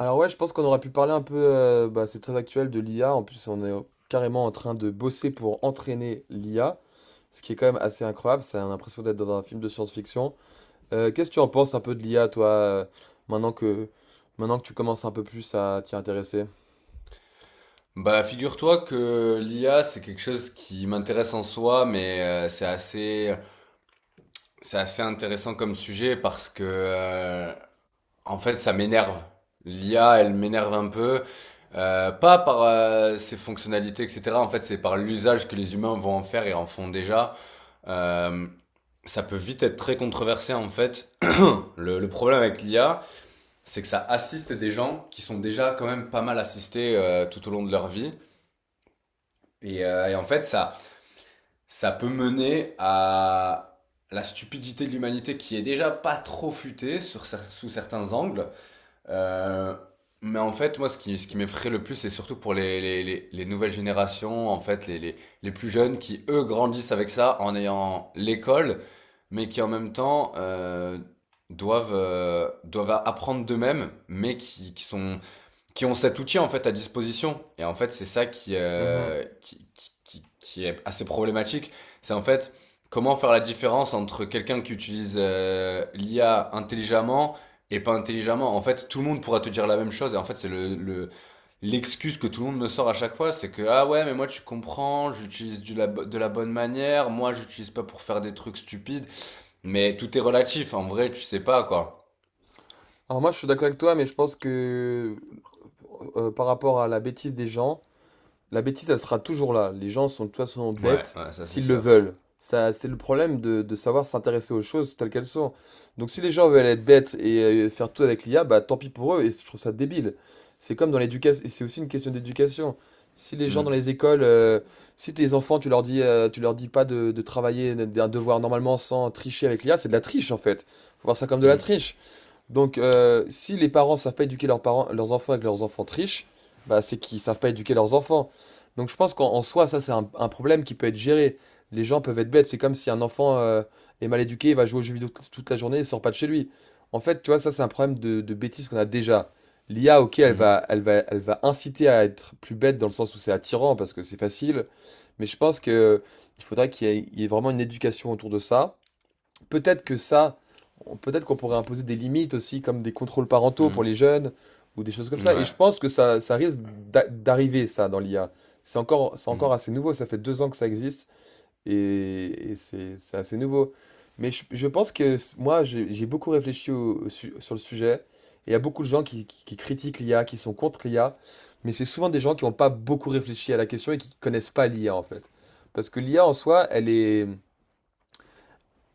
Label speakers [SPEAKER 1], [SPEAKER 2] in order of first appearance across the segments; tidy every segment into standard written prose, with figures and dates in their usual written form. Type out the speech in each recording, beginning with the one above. [SPEAKER 1] Alors ouais, je pense qu'on aurait pu parler un peu, bah, c'est très actuel de l'IA. En plus, on est carrément en train de bosser pour entraîner l'IA, ce qui est quand même assez incroyable. Ça a l'impression d'être dans un film de science-fiction. Qu'est-ce que tu en penses un peu de l'IA, toi, maintenant que, tu commences un peu plus à t'y intéresser?
[SPEAKER 2] Bah, figure-toi que l'IA, c'est quelque chose qui m'intéresse en soi, mais c'est assez intéressant comme sujet parce que, en fait, ça m'énerve. L'IA, elle m'énerve un peu, pas par ses fonctionnalités, etc. En fait, c'est par l'usage que les humains vont en faire et en font déjà. Euh, Ça peut vite être très controversé, en fait. Le problème avec l'IA, c'est que ça assiste des gens qui sont déjà quand même pas mal assistés tout au long de leur vie. Et en fait, ça peut mener à la stupidité de l'humanité qui est déjà pas trop futée sous certains angles. Euh, mais en fait, moi, ce qui m'effraie le plus, c'est surtout pour les nouvelles générations, en fait, les plus jeunes qui, eux, grandissent avec ça en ayant l'école, mais qui en même temps doivent, doivent apprendre d'eux-mêmes, qui ont cet outil en fait à disposition. Et en fait, c'est ça
[SPEAKER 1] Mhm.
[SPEAKER 2] qui est assez problématique. C'est en fait comment faire la différence entre quelqu'un qui utilise l'IA intelligemment et pas intelligemment. En fait, tout le monde pourra te dire la même chose. Et en fait, c'est l'excuse que tout le monde me sort à chaque fois. C'est que, ah ouais, mais moi tu comprends, j'utilise de la bonne manière. Moi, j'utilise pas pour faire des trucs stupides. Mais tout est relatif. En vrai, tu sais pas quoi.
[SPEAKER 1] Alors moi, je suis d'accord avec toi, mais je pense que par rapport à la bêtise des gens. La bêtise, elle sera toujours là. Les gens sont de toute façon
[SPEAKER 2] Ouais,
[SPEAKER 1] bêtes
[SPEAKER 2] ouais, ça c'est
[SPEAKER 1] s'ils le
[SPEAKER 2] sûr.
[SPEAKER 1] veulent. Ça, c'est le problème de savoir s'intéresser aux choses telles qu'elles sont. Donc si les gens veulent être bêtes et faire tout avec l'IA, bah tant pis pour eux, et je trouve ça débile. C'est comme dans l'éducation, et c'est aussi une question d'éducation. Si les gens
[SPEAKER 2] Mm,
[SPEAKER 1] dans les écoles, si tes enfants, tu leur dis pas de travailler d'un devoir normalement sans tricher avec l'IA, c'est de la triche en fait. Faut voir ça comme de la
[SPEAKER 2] mm,
[SPEAKER 1] triche. Donc, si les parents savent pas éduquer leurs parents, leurs enfants et que leurs enfants trichent, bah, c'est qu'ils savent pas éduquer leurs enfants. Donc, je pense qu'en soi, ça, c'est un problème qui peut être géré. Les gens peuvent être bêtes. C'est comme si un enfant est mal éduqué, il va jouer aux jeux vidéo toute la journée et sort pas de chez lui. En fait, tu vois, ça, c'est un problème de bêtise qu'on a déjà. L'IA, ok, elle
[SPEAKER 2] mm,
[SPEAKER 1] va, elle va, elle va inciter à être plus bête dans le sens où c'est attirant parce que c'est facile. Mais je pense que il faudrait qu'il y ait vraiment une éducation autour de ça. Peut-être que ça, on- Peut-être qu'on pourrait imposer des limites aussi, comme des contrôles parentaux pour les
[SPEAKER 2] mm.
[SPEAKER 1] jeunes, ou des choses comme ça. Et
[SPEAKER 2] Ouais.
[SPEAKER 1] je pense que ça risque d'arriver, ça, dans l'IA. C'est encore
[SPEAKER 2] Mhm.
[SPEAKER 1] assez nouveau, ça fait 2 ans que ça existe, et c'est assez nouveau. Mais je pense moi, j'ai beaucoup réfléchi sur le sujet, et il y a beaucoup de gens qui critiquent l'IA, qui sont contre l'IA, mais c'est souvent des gens qui n'ont pas beaucoup réfléchi à la question et qui connaissent pas l'IA, en fait. Parce que l'IA, en soi, elle est...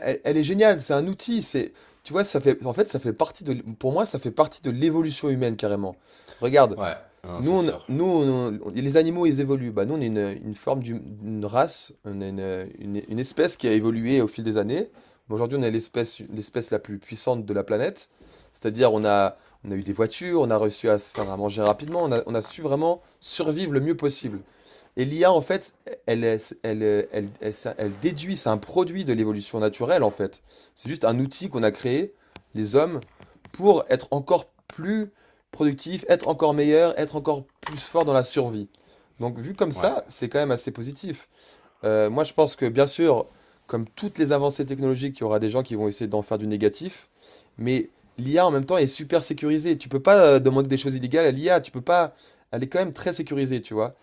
[SPEAKER 1] Elle est géniale, c'est un outil, c'est, tu vois, ça fait, en fait, ça fait partie de, pour moi, ça fait partie de l'évolution humaine carrément. Regarde,
[SPEAKER 2] Ouais, non, c'est sûr.
[SPEAKER 1] les animaux, ils évoluent. Bah, nous, on est une forme d'une race, on est une espèce qui a évolué au fil des années. Mais aujourd'hui, on est l'espèce la plus puissante de la planète. C'est-à-dire, on a eu des voitures, on a réussi à se faire à manger rapidement, on a su vraiment survivre le mieux possible. Et l'IA, en fait, elle, est- elle, elle, elle, ça- elle déduit, c'est un produit de l'évolution naturelle, en fait. C'est juste un outil qu'on a créé, les hommes, pour être encore plus productifs, être encore meilleurs, être encore plus forts dans la survie. Donc, vu comme
[SPEAKER 2] Ouais,
[SPEAKER 1] ça, c'est quand même assez positif. Moi, je pense que, bien sûr, comme toutes les avancées technologiques, il y aura des gens qui vont essayer d'en faire du négatif, mais l'IA, en même temps, est super sécurisée. Tu peux pas demander des choses illégales à l'IA, tu peux pas... Elle est quand même très sécurisée, tu vois.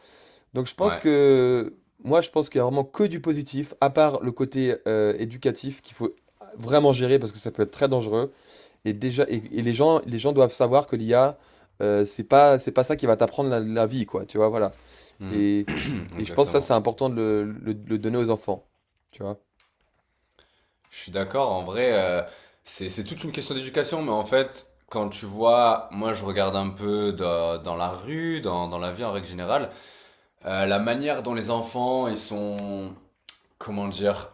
[SPEAKER 1] Donc
[SPEAKER 2] ouais.
[SPEAKER 1] je pense qu'il y a vraiment que du positif, à part le côté éducatif qu'il faut vraiment gérer parce que ça peut être très dangereux. Et déjà, et les gens doivent savoir que l'IA, c'est pas ça qui va t'apprendre la vie, quoi. Tu vois, voilà.
[SPEAKER 2] Mhm.
[SPEAKER 1] Et, et je pense que ça
[SPEAKER 2] Exactement.
[SPEAKER 1] c'est important de de le donner aux enfants. Tu vois.
[SPEAKER 2] Je suis d'accord, en vrai, c'est toute une question d'éducation, mais en fait, quand tu vois, moi je regarde un peu dans, dans la rue, dans, dans la vie en règle générale, la manière dont les enfants, ils sont, comment dire,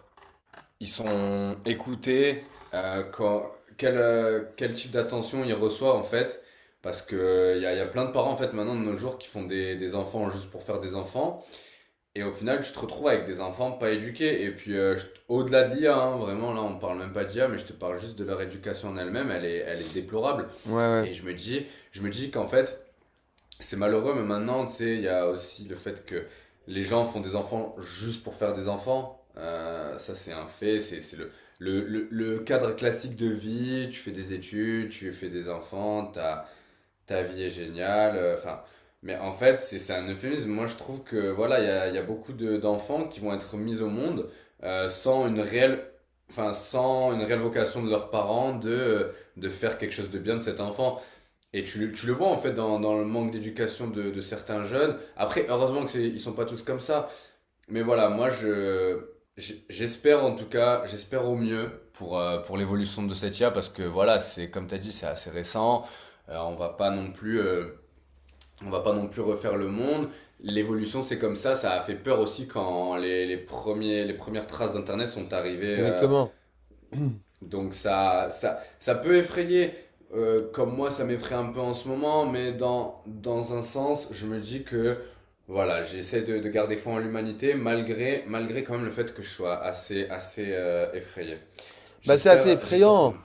[SPEAKER 2] ils sont écoutés, euh, quand- quel, quel type d'attention ils reçoivent en fait, parce que y a plein de parents en fait maintenant de nos jours qui font des enfants juste pour faire des enfants. Et au final, tu te retrouves avec des enfants pas éduqués. Et puis, au-delà de l'IA, hein, vraiment, là, on parle même pas d'IA, mais je te parle juste de leur éducation en elle-même. Elle est déplorable.
[SPEAKER 1] Ouais, ouais.
[SPEAKER 2] Et je me dis qu'en fait, c'est malheureux, mais maintenant, tu sais, il y a aussi le fait que les gens font des enfants juste pour faire des enfants. Ça, c'est un fait. C'est, c'est le cadre classique de vie. Tu fais des études, tu fais des enfants, t'as ta vie est géniale. Enfin, mais en fait, c'est un euphémisme. Moi, je trouve que voilà, il y a, il y a beaucoup d'enfants qui vont être mis au monde sans une réelle, enfin, sans une réelle vocation de leurs parents de faire quelque chose de bien de cet enfant. Tu le vois en fait dans, dans le manque d'éducation de certains jeunes. Après, heureusement que c'est, ils sont pas tous comme ça. Mais voilà, moi j'espère en tout cas, j'espère au mieux pour l'évolution de cette IA parce que voilà, c'est comme tu as dit, c'est assez récent. Euh, on va pas non plus euh, on va pas non plus refaire le monde. L'évolution, c'est comme ça a fait peur aussi quand les premières traces d'internet sont arrivées
[SPEAKER 1] Exactement.
[SPEAKER 2] donc ça peut effrayer, comme moi ça m'effraie un peu en ce moment, mais dans, dans un sens, je me dis que voilà, j'essaie de garder foi en l'humanité malgré, malgré quand même le fait que je sois assez, assez effrayé.
[SPEAKER 1] Bah c'est assez
[SPEAKER 2] J'espère, j'espère pour
[SPEAKER 1] effrayant.
[SPEAKER 2] nous.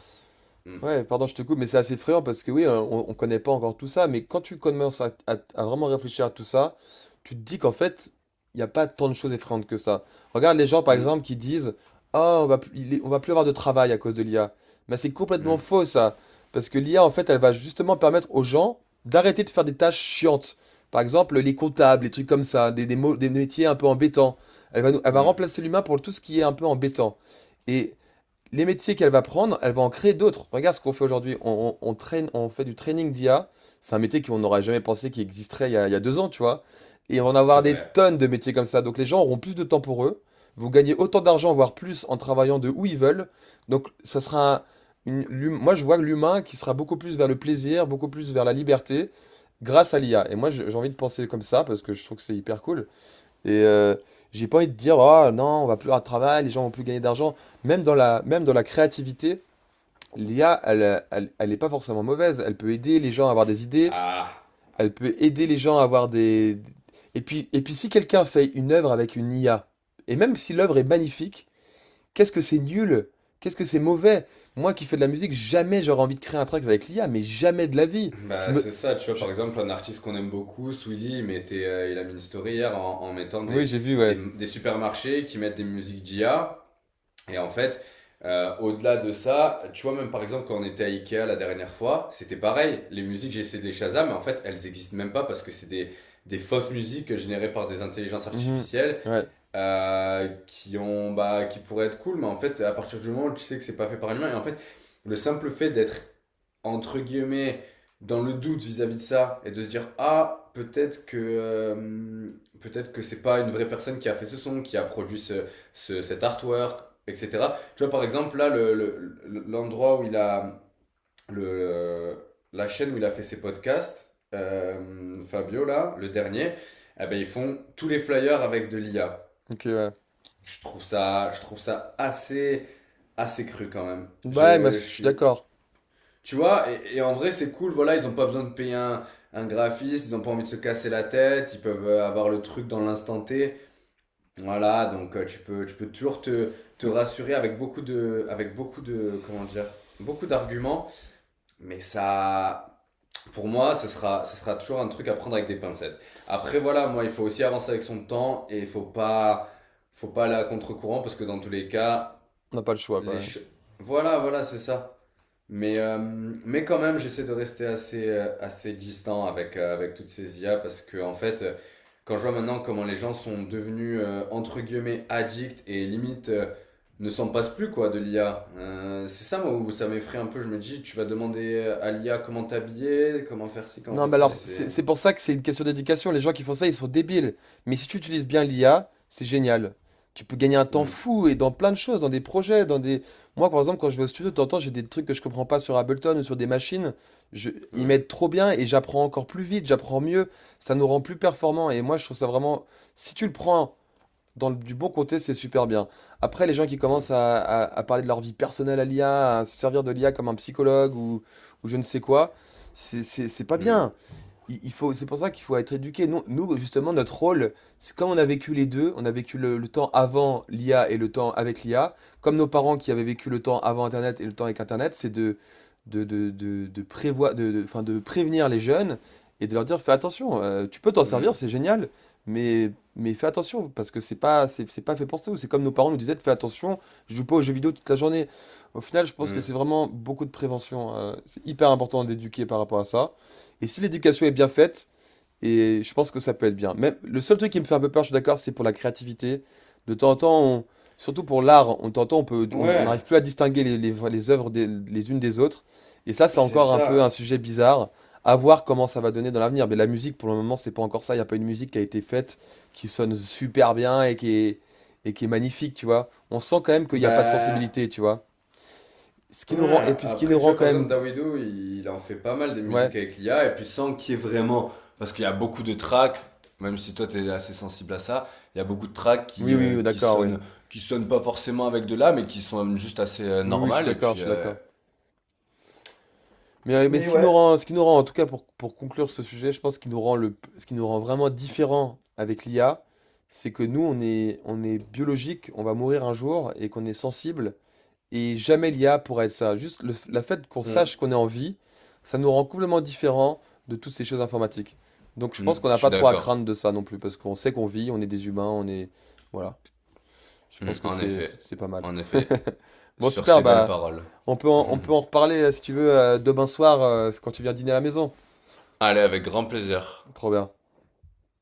[SPEAKER 2] Mm,
[SPEAKER 1] Ouais, pardon, je te coupe, mais c'est assez effrayant parce que oui, hein, on connaît pas encore tout ça, mais quand tu commences à vraiment réfléchir à tout ça, tu te dis qu'en fait, il n'y a pas tant de choses effrayantes que ça. Regarde les gens, par
[SPEAKER 2] mm,
[SPEAKER 1] exemple, qui disent, ah, on va plus avoir de travail à cause de l'IA. Mais c'est complètement
[SPEAKER 2] mm,
[SPEAKER 1] faux, ça. Parce que l'IA, en fait, elle va justement permettre aux gens d'arrêter de faire des tâches chiantes. Par exemple, les comptables, les trucs comme ça, des métiers un peu embêtants. Elle va
[SPEAKER 2] mm.
[SPEAKER 1] remplacer l'humain pour tout ce qui est un peu embêtant. Et les métiers qu'elle va prendre, elle va en créer d'autres. Regarde ce qu'on fait aujourd'hui. On traîne, on fait du training d'IA. C'est un métier qu'on n'aurait jamais pensé qu'il existerait il y a 2 ans, tu vois. Et on va en
[SPEAKER 2] C'est
[SPEAKER 1] avoir des
[SPEAKER 2] vrai.
[SPEAKER 1] tonnes de métiers comme ça. Donc les gens auront plus de temps pour eux. Vous gagnez autant d'argent, voire plus, en travaillant de où ils veulent. Donc ça sera moi je vois l'humain qui sera beaucoup plus vers le plaisir, beaucoup plus vers la liberté, grâce à l'IA. Et moi j'ai envie de penser comme ça parce que je trouve que c'est hyper cool. Et j'ai pas envie de dire, oh non, on va plus avoir de travail, les gens vont plus gagner d'argent. Même dans la créativité, l'IA, elle est pas forcément mauvaise. Elle peut aider les gens à avoir des idées,
[SPEAKER 2] Ah,
[SPEAKER 1] elle peut aider les gens à avoir des... Et puis, si quelqu'un fait une œuvre avec une IA, et même si l'œuvre est magnifique, qu'est-ce que c'est nul? Qu'est-ce que c'est mauvais? Moi qui fais de la musique, jamais j'aurais envie de créer un track avec l'IA, mais jamais de la vie.
[SPEAKER 2] Bah c'est ça, tu vois,
[SPEAKER 1] Je-
[SPEAKER 2] par exemple, un artiste qu'on aime beaucoup, Swilly, il a mis une story hier en, en mettant
[SPEAKER 1] Oui, j'ai vu, ouais.
[SPEAKER 2] des supermarchés qui mettent des musiques d'IA. Et en fait, au-delà de ça, tu vois, même par exemple, quand on était à Ikea la dernière fois, c'était pareil. Les musiques, j'ai essayé de les Shazam, mais en fait, elles existent même pas parce que c'est des fausses musiques générées par des intelligences
[SPEAKER 1] Mhm.
[SPEAKER 2] artificielles
[SPEAKER 1] Ouais,
[SPEAKER 2] qui pourraient être cool, mais en fait, à partir du moment où tu sais que c'est pas fait par un humain, et en fait, le simple fait d'être entre guillemets, dans le doute vis-à-vis de ça et de se dire ah peut-être que c'est pas une vraie personne qui a fait ce son, qui a produit cet artwork, etc. Tu vois par exemple l'endroit où il a le la chaîne où il a fait ses podcasts, Fabio là le dernier, eh ben ils font tous les flyers avec de l'IA.
[SPEAKER 1] ok, ouais.
[SPEAKER 2] Je trouve ça assez assez cru quand même.
[SPEAKER 1] Bah, ouais, moi, je
[SPEAKER 2] Je
[SPEAKER 1] suis
[SPEAKER 2] suis
[SPEAKER 1] d'accord.
[SPEAKER 2] tu vois, et en vrai, c'est cool, voilà, ils ont pas besoin de payer un graphiste, ils ont pas envie de se casser la tête, ils peuvent avoir le truc dans l'instant T. Voilà, donc tu peux toujours te, te rassurer avec beaucoup de, comment dire, beaucoup d'arguments, mais ça, pour moi, ce sera toujours un truc à prendre avec des pincettes. Après, voilà, moi, il faut aussi avancer avec son temps et il faut pas aller à contre-courant parce que dans tous les cas,
[SPEAKER 1] On n'a pas le choix,
[SPEAKER 2] les,
[SPEAKER 1] quoi. Ouais.
[SPEAKER 2] ch- voilà, voilà, c'est ça. Mais mais quand même, j'essaie de rester assez, assez distant avec, avec toutes ces IA parce que, en fait, quand je vois maintenant comment les gens sont devenus, entre guillemets, addicts et limite ne s'en passent plus, quoi, de l'IA. C'est ça, moi, où ça m'effraie un peu. Je me dis, tu vas demander à l'IA comment t'habiller, comment faire ci, comment
[SPEAKER 1] Non,
[SPEAKER 2] faire
[SPEAKER 1] mais
[SPEAKER 2] ça, et
[SPEAKER 1] alors, c'est
[SPEAKER 2] c'est.
[SPEAKER 1] c'est pour ça que c'est une question d'éducation. Les gens qui font ça, ils sont débiles. Mais si tu utilises bien l'IA, c'est génial. Tu peux gagner un temps
[SPEAKER 2] Hmm,
[SPEAKER 1] fou et dans plein de choses, dans des projets, dans des... Moi, par exemple, quand je vais au studio, de temps en temps, j'ai des trucs que je comprends pas sur Ableton ou sur des machines. Je... Ils
[SPEAKER 2] hmm,
[SPEAKER 1] m'aident trop bien et j'apprends encore plus vite, j'apprends mieux. Ça nous rend plus performants. Et moi, je trouve ça vraiment... Si tu le prends du bon côté, c'est super bien. Après, les gens qui
[SPEAKER 2] hmm,
[SPEAKER 1] commencent à parler de leur vie personnelle à l'IA, à se servir de l'IA comme un psychologue ou je ne sais quoi, c'est pas
[SPEAKER 2] hmm,
[SPEAKER 1] bien. Il faut, c'est pour ça qu'il faut être éduqué. Justement, notre rôle, c'est comme on a vécu les deux, on a vécu le temps avant l'IA et le temps avec l'IA, comme nos parents qui avaient vécu le temps avant Internet et le temps avec Internet, c'est de prévoi- de- enfin, de prévenir les jeunes et de leur dire, fais attention, tu peux t'en servir,
[SPEAKER 2] hmm,
[SPEAKER 1] c'est génial, mais, mais fais attention, parce que c'est pas fait pour ça. C'est comme nos parents nous disaient, fais attention, je joue pas aux jeux vidéo toute la journée. Au final, je pense que c'est
[SPEAKER 2] hmm.
[SPEAKER 1] vraiment beaucoup de prévention. C'est hyper important d'éduquer par rapport à ça. Et si l'éducation est bien faite, et je pense que ça peut être bien. Même, le seul truc qui me fait un peu peur, je suis d'accord, c'est pour la créativité. De temps en temps, surtout pour l'art, on de temps en temps, on peut, on
[SPEAKER 2] Ouais,
[SPEAKER 1] n'arrive plus à distinguer les œuvres les unes des autres. Et ça, c'est
[SPEAKER 2] c'est
[SPEAKER 1] encore un peu
[SPEAKER 2] ça.
[SPEAKER 1] un sujet bizarre. À voir comment ça va donner dans l'avenir. Mais la musique, pour le moment, c'est pas encore ça. Il n'y a pas une musique qui a été faite, qui sonne super bien et qui est magnifique, tu vois. On sent quand même qu'il n'y a pas de
[SPEAKER 2] Bah.
[SPEAKER 1] sensibilité, tu vois. Ce qui nous rend, et
[SPEAKER 2] Ouais,
[SPEAKER 1] puis ce qui nous
[SPEAKER 2] après, tu
[SPEAKER 1] rend
[SPEAKER 2] vois,
[SPEAKER 1] quand
[SPEAKER 2] par exemple,
[SPEAKER 1] même.
[SPEAKER 2] Dawido, il en fait pas mal des musiques
[SPEAKER 1] Ouais.
[SPEAKER 2] avec l'IA, et puis sans qu'il y ait vraiment. Parce qu'il y a beaucoup de tracks, même si toi t'es assez sensible à ça, il y a beaucoup de tracks
[SPEAKER 1] Oui, oui, oui, d'accord, oui.
[SPEAKER 2] qui sonnent pas forcément avec de l'IA, mais qui sont juste assez
[SPEAKER 1] Oui, oui, je suis
[SPEAKER 2] normales, et
[SPEAKER 1] d'accord,
[SPEAKER 2] puis.
[SPEAKER 1] je suis d'accord. Mais
[SPEAKER 2] Mais
[SPEAKER 1] ce qui nous
[SPEAKER 2] ouais.
[SPEAKER 1] rend, ce qui nous rend, en tout cas pour conclure ce sujet, je pense qu'il nous rend le, ce qui nous rend vraiment différent avec l'IA, c'est que nous, on est biologique, on va mourir un jour et qu'on est sensible. Et jamais l'IA pourra être ça. Juste la fait qu'on
[SPEAKER 2] Mm,
[SPEAKER 1] sache qu'on est en vie, ça nous rend complètement différent de toutes ces choses informatiques. Donc je pense qu'on
[SPEAKER 2] je
[SPEAKER 1] n'a
[SPEAKER 2] suis
[SPEAKER 1] pas trop à
[SPEAKER 2] d'accord.
[SPEAKER 1] craindre de ça non plus, parce qu'on sait qu'on vit, on est des humains, on est... Voilà. Je
[SPEAKER 2] Mm,
[SPEAKER 1] pense que
[SPEAKER 2] en
[SPEAKER 1] c'est
[SPEAKER 2] effet,
[SPEAKER 1] c'est pas mal.
[SPEAKER 2] en effet.
[SPEAKER 1] Bon,
[SPEAKER 2] Sur
[SPEAKER 1] super,
[SPEAKER 2] ces belles
[SPEAKER 1] bah,
[SPEAKER 2] paroles.
[SPEAKER 1] on peut en, on peut en reparler si tu veux demain soir quand tu viens dîner à la maison.
[SPEAKER 2] Allez, avec grand plaisir.
[SPEAKER 1] Trop bien.